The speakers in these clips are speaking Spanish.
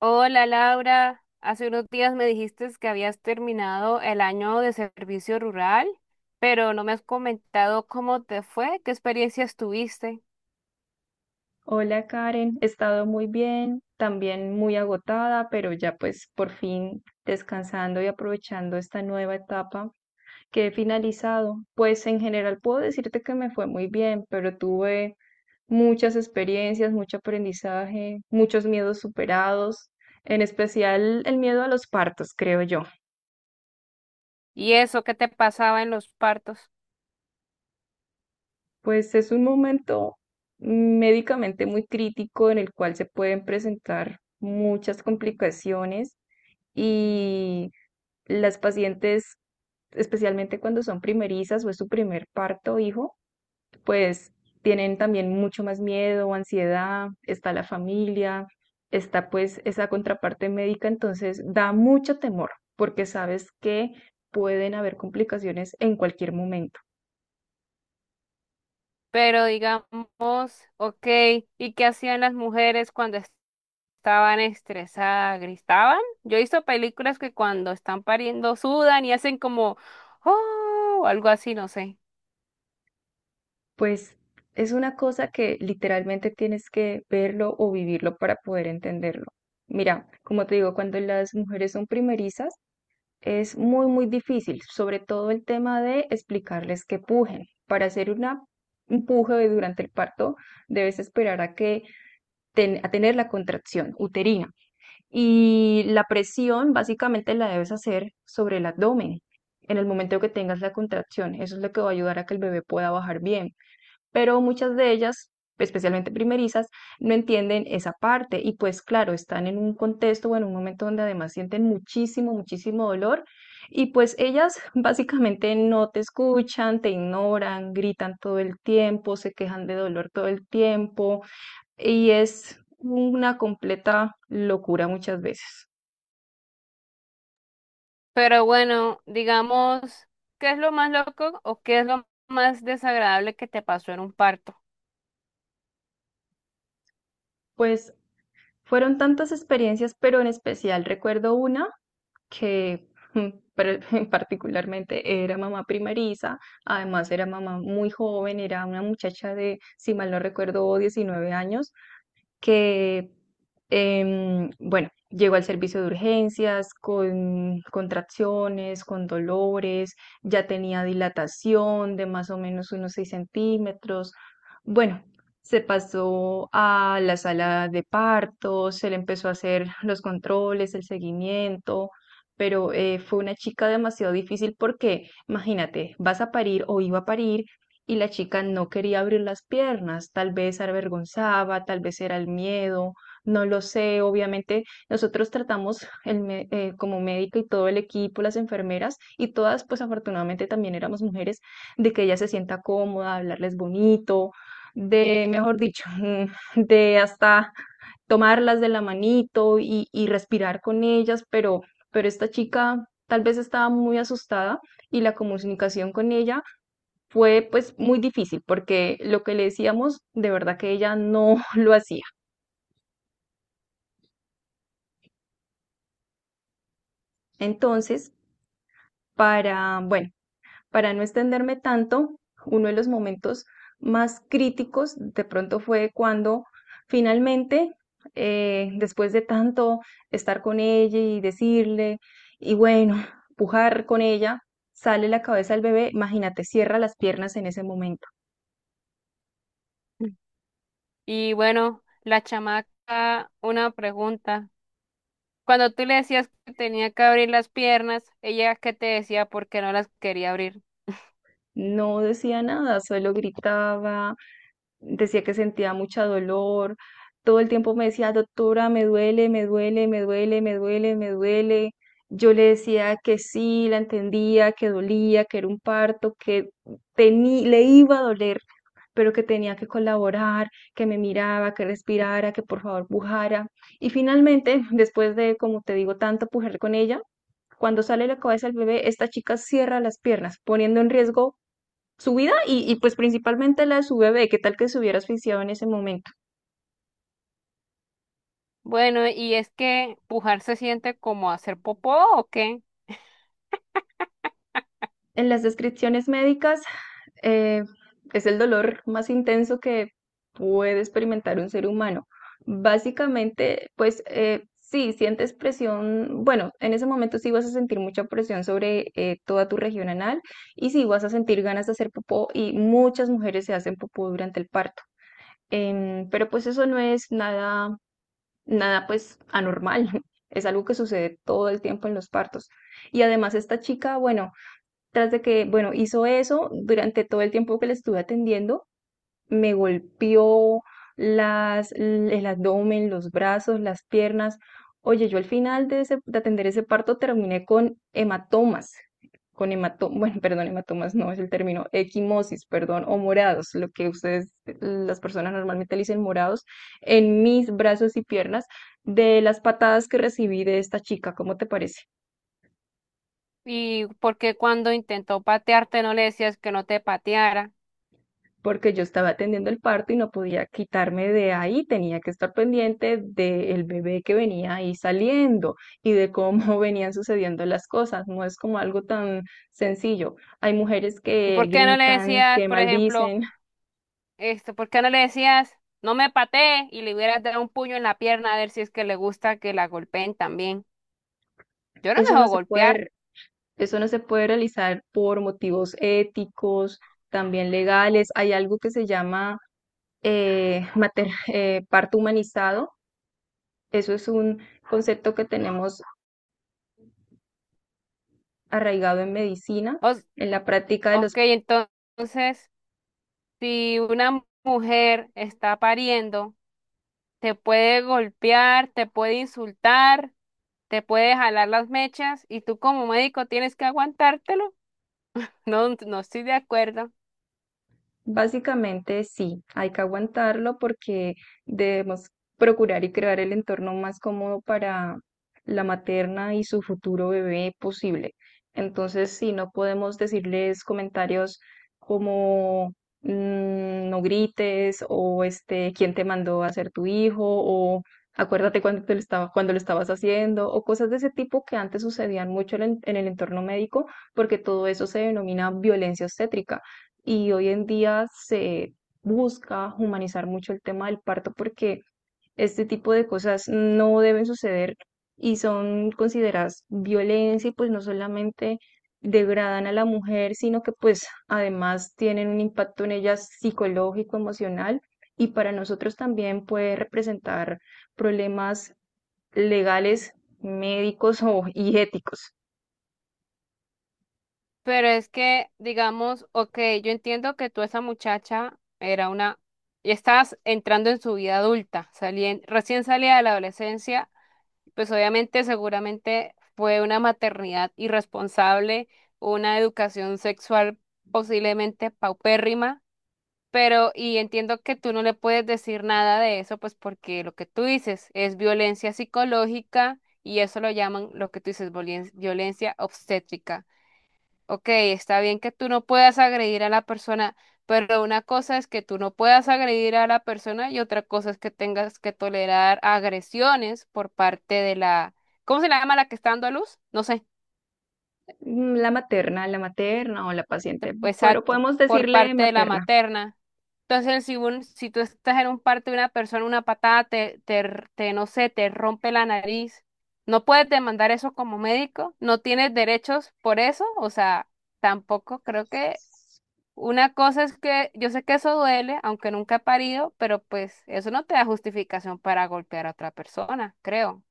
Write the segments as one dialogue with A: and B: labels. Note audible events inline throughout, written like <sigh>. A: Hola, Laura, hace unos días me dijiste que habías terminado el año de servicio rural, pero no me has comentado cómo te fue, qué experiencias tuviste
B: Hola Karen, he estado muy bien, también muy agotada, pero ya pues por fin descansando y aprovechando esta nueva etapa que he finalizado. Pues en general puedo decirte que me fue muy bien, pero tuve muchas experiencias, mucho aprendizaje, muchos miedos superados, en especial el miedo a los partos, creo yo.
A: y eso, qué te pasaba en los partos.
B: Pues es un momento médicamente muy crítico en el cual se pueden presentar muchas complicaciones. Y las pacientes, especialmente cuando son primerizas o es su primer parto o hijo, pues tienen también mucho más miedo, ansiedad, está la familia, está pues esa contraparte médica, entonces da mucho temor porque sabes que pueden haber complicaciones en cualquier momento.
A: Pero digamos, ok, ¿y qué hacían las mujeres cuando estaban estresadas? ¿Gritaban? Yo he visto películas que cuando están pariendo sudan y hacen como, oh, o algo así, no sé.
B: Pues es una cosa que literalmente tienes que verlo o vivirlo para poder entenderlo. Mira, como te digo, cuando las mujeres son primerizas, es muy, muy difícil, sobre todo el tema de explicarles que pujen. Para hacer una, un puje durante el parto, debes esperar a que a tener la contracción uterina. Y la presión básicamente la debes hacer sobre el abdomen en el momento que tengas la contracción. Eso es lo que va a ayudar a que el bebé pueda bajar bien, pero muchas de ellas, especialmente primerizas, no entienden esa parte y pues claro, están en un contexto o en un momento donde además sienten muchísimo, muchísimo dolor y pues ellas <laughs> básicamente no te escuchan, te ignoran, gritan todo el tiempo, se quejan de dolor todo el tiempo y es una completa locura muchas veces.
A: Pero bueno, digamos, ¿qué es lo más loco o qué es lo más desagradable que te pasó en un parto?
B: Pues fueron tantas experiencias, pero en especial recuerdo una que mm, pre- <laughs> particularmente era mamá primeriza, además era mamá muy joven, era una muchacha de, si mal no recuerdo, 19 años, que, bueno, llegó al servicio de urgencias con contracciones, con dolores, ya tenía dilatación de más o menos unos 6 centímetros. Bueno, se pasó a la sala de partos, se le empezó a hacer los controles, el seguimiento. Pero fue una chica demasiado difícil porque, imagínate, vas a parir o iba a parir y la chica no quería abrir las piernas, tal vez se avergonzaba, tal vez era el miedo, no lo sé, obviamente nosotros tratamos como médica y todo el equipo, las enfermeras y todas, pues afortunadamente también éramos mujeres, de que ella se sienta cómoda, hablarles bonito, de, mejor dicho, <laughs> de hasta tomarlas de la manito y, respirar con ellas, pero esta chica tal vez estaba muy asustada y la comunicación con ella fue pues muy difícil porque lo que le decíamos de verdad que ella no <laughs> lo hacía. Entonces, para, bueno, para no extenderme tanto, uno de los momentos más críticos de pronto fue cuando finalmente, después de tanto estar con ella y decirle, y bueno, <laughs> pujar con ella, sale la cabeza del bebé, imagínate, cierra las piernas en ese momento.
A: Y bueno, la chamaca, una pregunta. Cuando tú le decías que tenía que abrir las piernas, ella qué te decía porque no las quería abrir.
B: No decía nada, solo gritaba, decía que sentía mucha dolor, todo el tiempo me decía, doctora, me duele, me duele, me duele, me duele, me duele. Yo le decía que sí, la entendía, que dolía, que era un parto, que le iba a doler, pero que tenía que colaborar, que me miraba, que respirara, que por favor pujara. Y finalmente, después de, como te digo, tanto pujar con ella, cuando sale la cabeza del bebé, esta chica cierra las piernas, poniendo en riesgo su vida y, pues principalmente la de su bebé, qué tal que se hubiera asfixiado en ese momento.
A: Bueno, ¿y es que pujar se siente como hacer popó o qué?
B: En las descripciones médicas eh, es el dolor más intenso que puede experimentar un ser humano. Básicamente, pues sí, sientes presión, bueno, en ese momento sí vas a sentir mucha presión sobre toda tu región anal y sí vas a sentir ganas de hacer popó, y muchas mujeres se hacen popó durante el parto. Pero pues eso no es nada, pues anormal, <laughs> es algo que sucede todo el tiempo en los partos. Y además esta chica, bueno, tras de que, bueno, hizo eso durante todo el tiempo que le estuve atendiendo, me golpeó las, el abdomen, los brazos, las piernas. Oye, yo al final de atender ese parto terminé con hematomas, bueno, perdón, hematomas no es el término, equimosis, perdón, o morados, lo que ustedes, las personas normalmente le dicen morados, en mis brazos y piernas de las patadas que recibí de esta chica. ¿Cómo te parece?
A: ¿Y por qué cuando intentó patearte no le decías que no te pateara?
B: Porque yo estaba atendiendo el parto y no podía quitarme de ahí, tenía que estar pendiente del bebé que venía ahí saliendo y de cómo <laughs> venían sucediendo las cosas. No es como algo tan sencillo. Hay mujeres
A: ¿Y
B: que
A: por qué no le
B: gritan,
A: decías,
B: que
A: por ejemplo,
B: maldicen.
A: esto, por qué no le decías, no me patee, y le hubieras dado un puño en la pierna a ver si es que le gusta que la golpeen también? Yo no me
B: Eso no
A: dejo
B: se
A: golpear.
B: puede, eso no se puede realizar por motivos éticos, también legales. Hay algo que se llama parto humanizado. Eso es un concepto que tenemos arraigado en medicina,
A: Os-
B: en la práctica de los.
A: ok, entonces, si una mujer está pariendo, te puede golpear, te puede insultar, te puede jalar las mechas y tú como médico tienes que aguantártelo. <laughs> No, no estoy de acuerdo.
B: Básicamente sí, hay que aguantarlo porque debemos procurar y crear el entorno más cómodo para la materna y su futuro bebé posible. Entonces, sí, no podemos decirles comentarios como no grites o este, quién te mandó a ser tu hijo o acuérdate cuando te lo estaba, cuando lo estabas haciendo o cosas de ese tipo que antes sucedían mucho en el entorno médico, porque todo eso se denomina violencia obstétrica y hoy en día se busca humanizar mucho el tema del parto porque este tipo de cosas no deben suceder y son consideradas violencia y pues no solamente degradan a la mujer, sino que pues además tienen un impacto en ella psicológico, emocional, y para nosotros también puede representar problemas legales, médicos o, y éticos.
A: Pero es que, digamos, ok, yo entiendo que tú esa muchacha era una, y estás entrando en su vida adulta, recién salida de la adolescencia, pues obviamente seguramente fue una maternidad irresponsable, una educación sexual posiblemente paupérrima, pero y entiendo que tú no le puedes decir nada de eso, pues porque lo que tú dices es violencia psicológica y eso lo llaman lo que tú dices, violencia obstétrica. Ok, está bien que tú no puedas agredir a la persona, pero una cosa es que tú no puedas agredir a la persona y otra cosa es que tengas que tolerar agresiones por parte de la, ¿cómo se le llama la que está dando a luz? No sé,
B: Mm, la materna, la materna o la paciente, pero
A: exacto,
B: podemos
A: por
B: decirle
A: parte de la
B: materna.
A: materna. Entonces, si, si tú estás en un parto de una persona, una patada te, no sé, te rompe la nariz, no puedes demandar eso como médico, no tienes derechos por eso, o sea, tampoco creo que. Una cosa es que yo sé que eso duele, aunque nunca he parido, pero pues eso no te da justificación para golpear a otra persona, creo.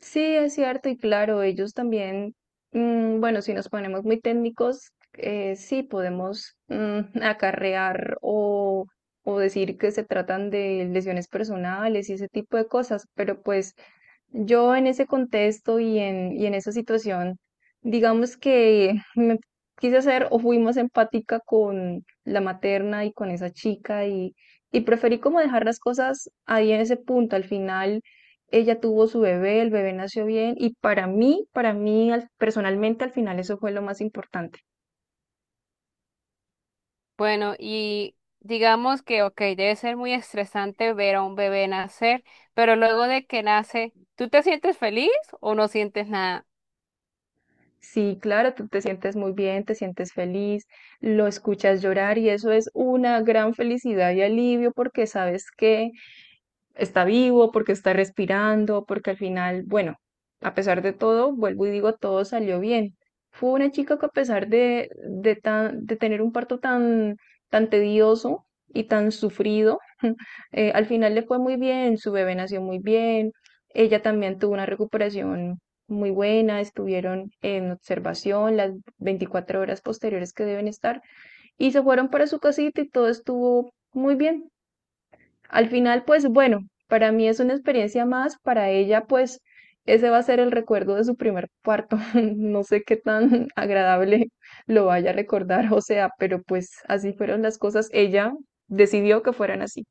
B: Sí, es cierto y claro, ellos también, bueno, si nos ponemos muy técnicos, sí podemos <laughs> acarrear o decir que se tratan de lesiones personales y ese tipo de cosas, pero pues yo en ese contexto y y en esa situación, digamos que me quise hacer o fui más empática con la materna y con esa chica y preferí como dejar las cosas ahí en ese punto. Al final ella tuvo su bebé, el bebé nació bien y para mí personalmente al final eso fue lo más importante.
A: Bueno, y digamos que, ok, debe ser muy estresante ver a un bebé nacer, pero luego de que nace, ¿tú te sientes feliz o no sientes nada?
B: Sí, claro, tú te sientes muy bien, te sientes feliz, lo escuchas llorar y eso es una gran felicidad y alivio porque sabes que está vivo, porque está respirando, porque al final, bueno, a pesar de todo, vuelvo y digo, todo salió bien. Fue una chica que a pesar de tener un parto tan, tan tedioso y tan sufrido, <laughs> al final le fue muy bien, su bebé nació muy bien, ella también tuvo una recuperación muy buena, estuvieron en observación las 24 horas posteriores que deben estar y se fueron para su casita y todo estuvo muy bien. Al final, pues bueno, para mí es una experiencia más, para ella pues ese va a ser el recuerdo de su primer parto. <laughs> No sé qué tan agradable lo vaya a recordar, o sea, pero pues así fueron las cosas. Ella decidió que fueran así.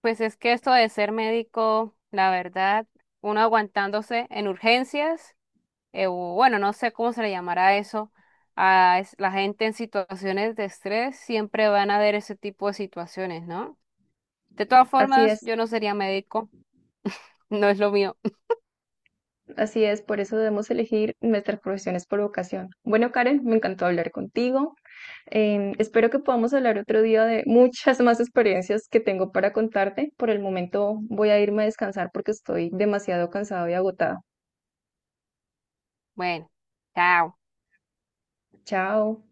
A: Pues es que esto de ser médico, la verdad, uno aguantándose en urgencias. O bueno, no sé cómo se le llamará eso, la gente en situaciones de estrés, siempre van a haber ese tipo de situaciones, ¿no? De todas
B: Así
A: formas,
B: es,
A: yo no sería médico, <laughs> no es lo mío. <laughs>
B: así es, por eso debemos elegir nuestras profesiones por vocación. Bueno, Karen, me encantó hablar contigo. Espero que podamos hablar otro día de muchas más experiencias que tengo para contarte. Por el momento voy a irme a descansar porque estoy demasiado cansado y agotado.
A: Bueno, chao.
B: Chao.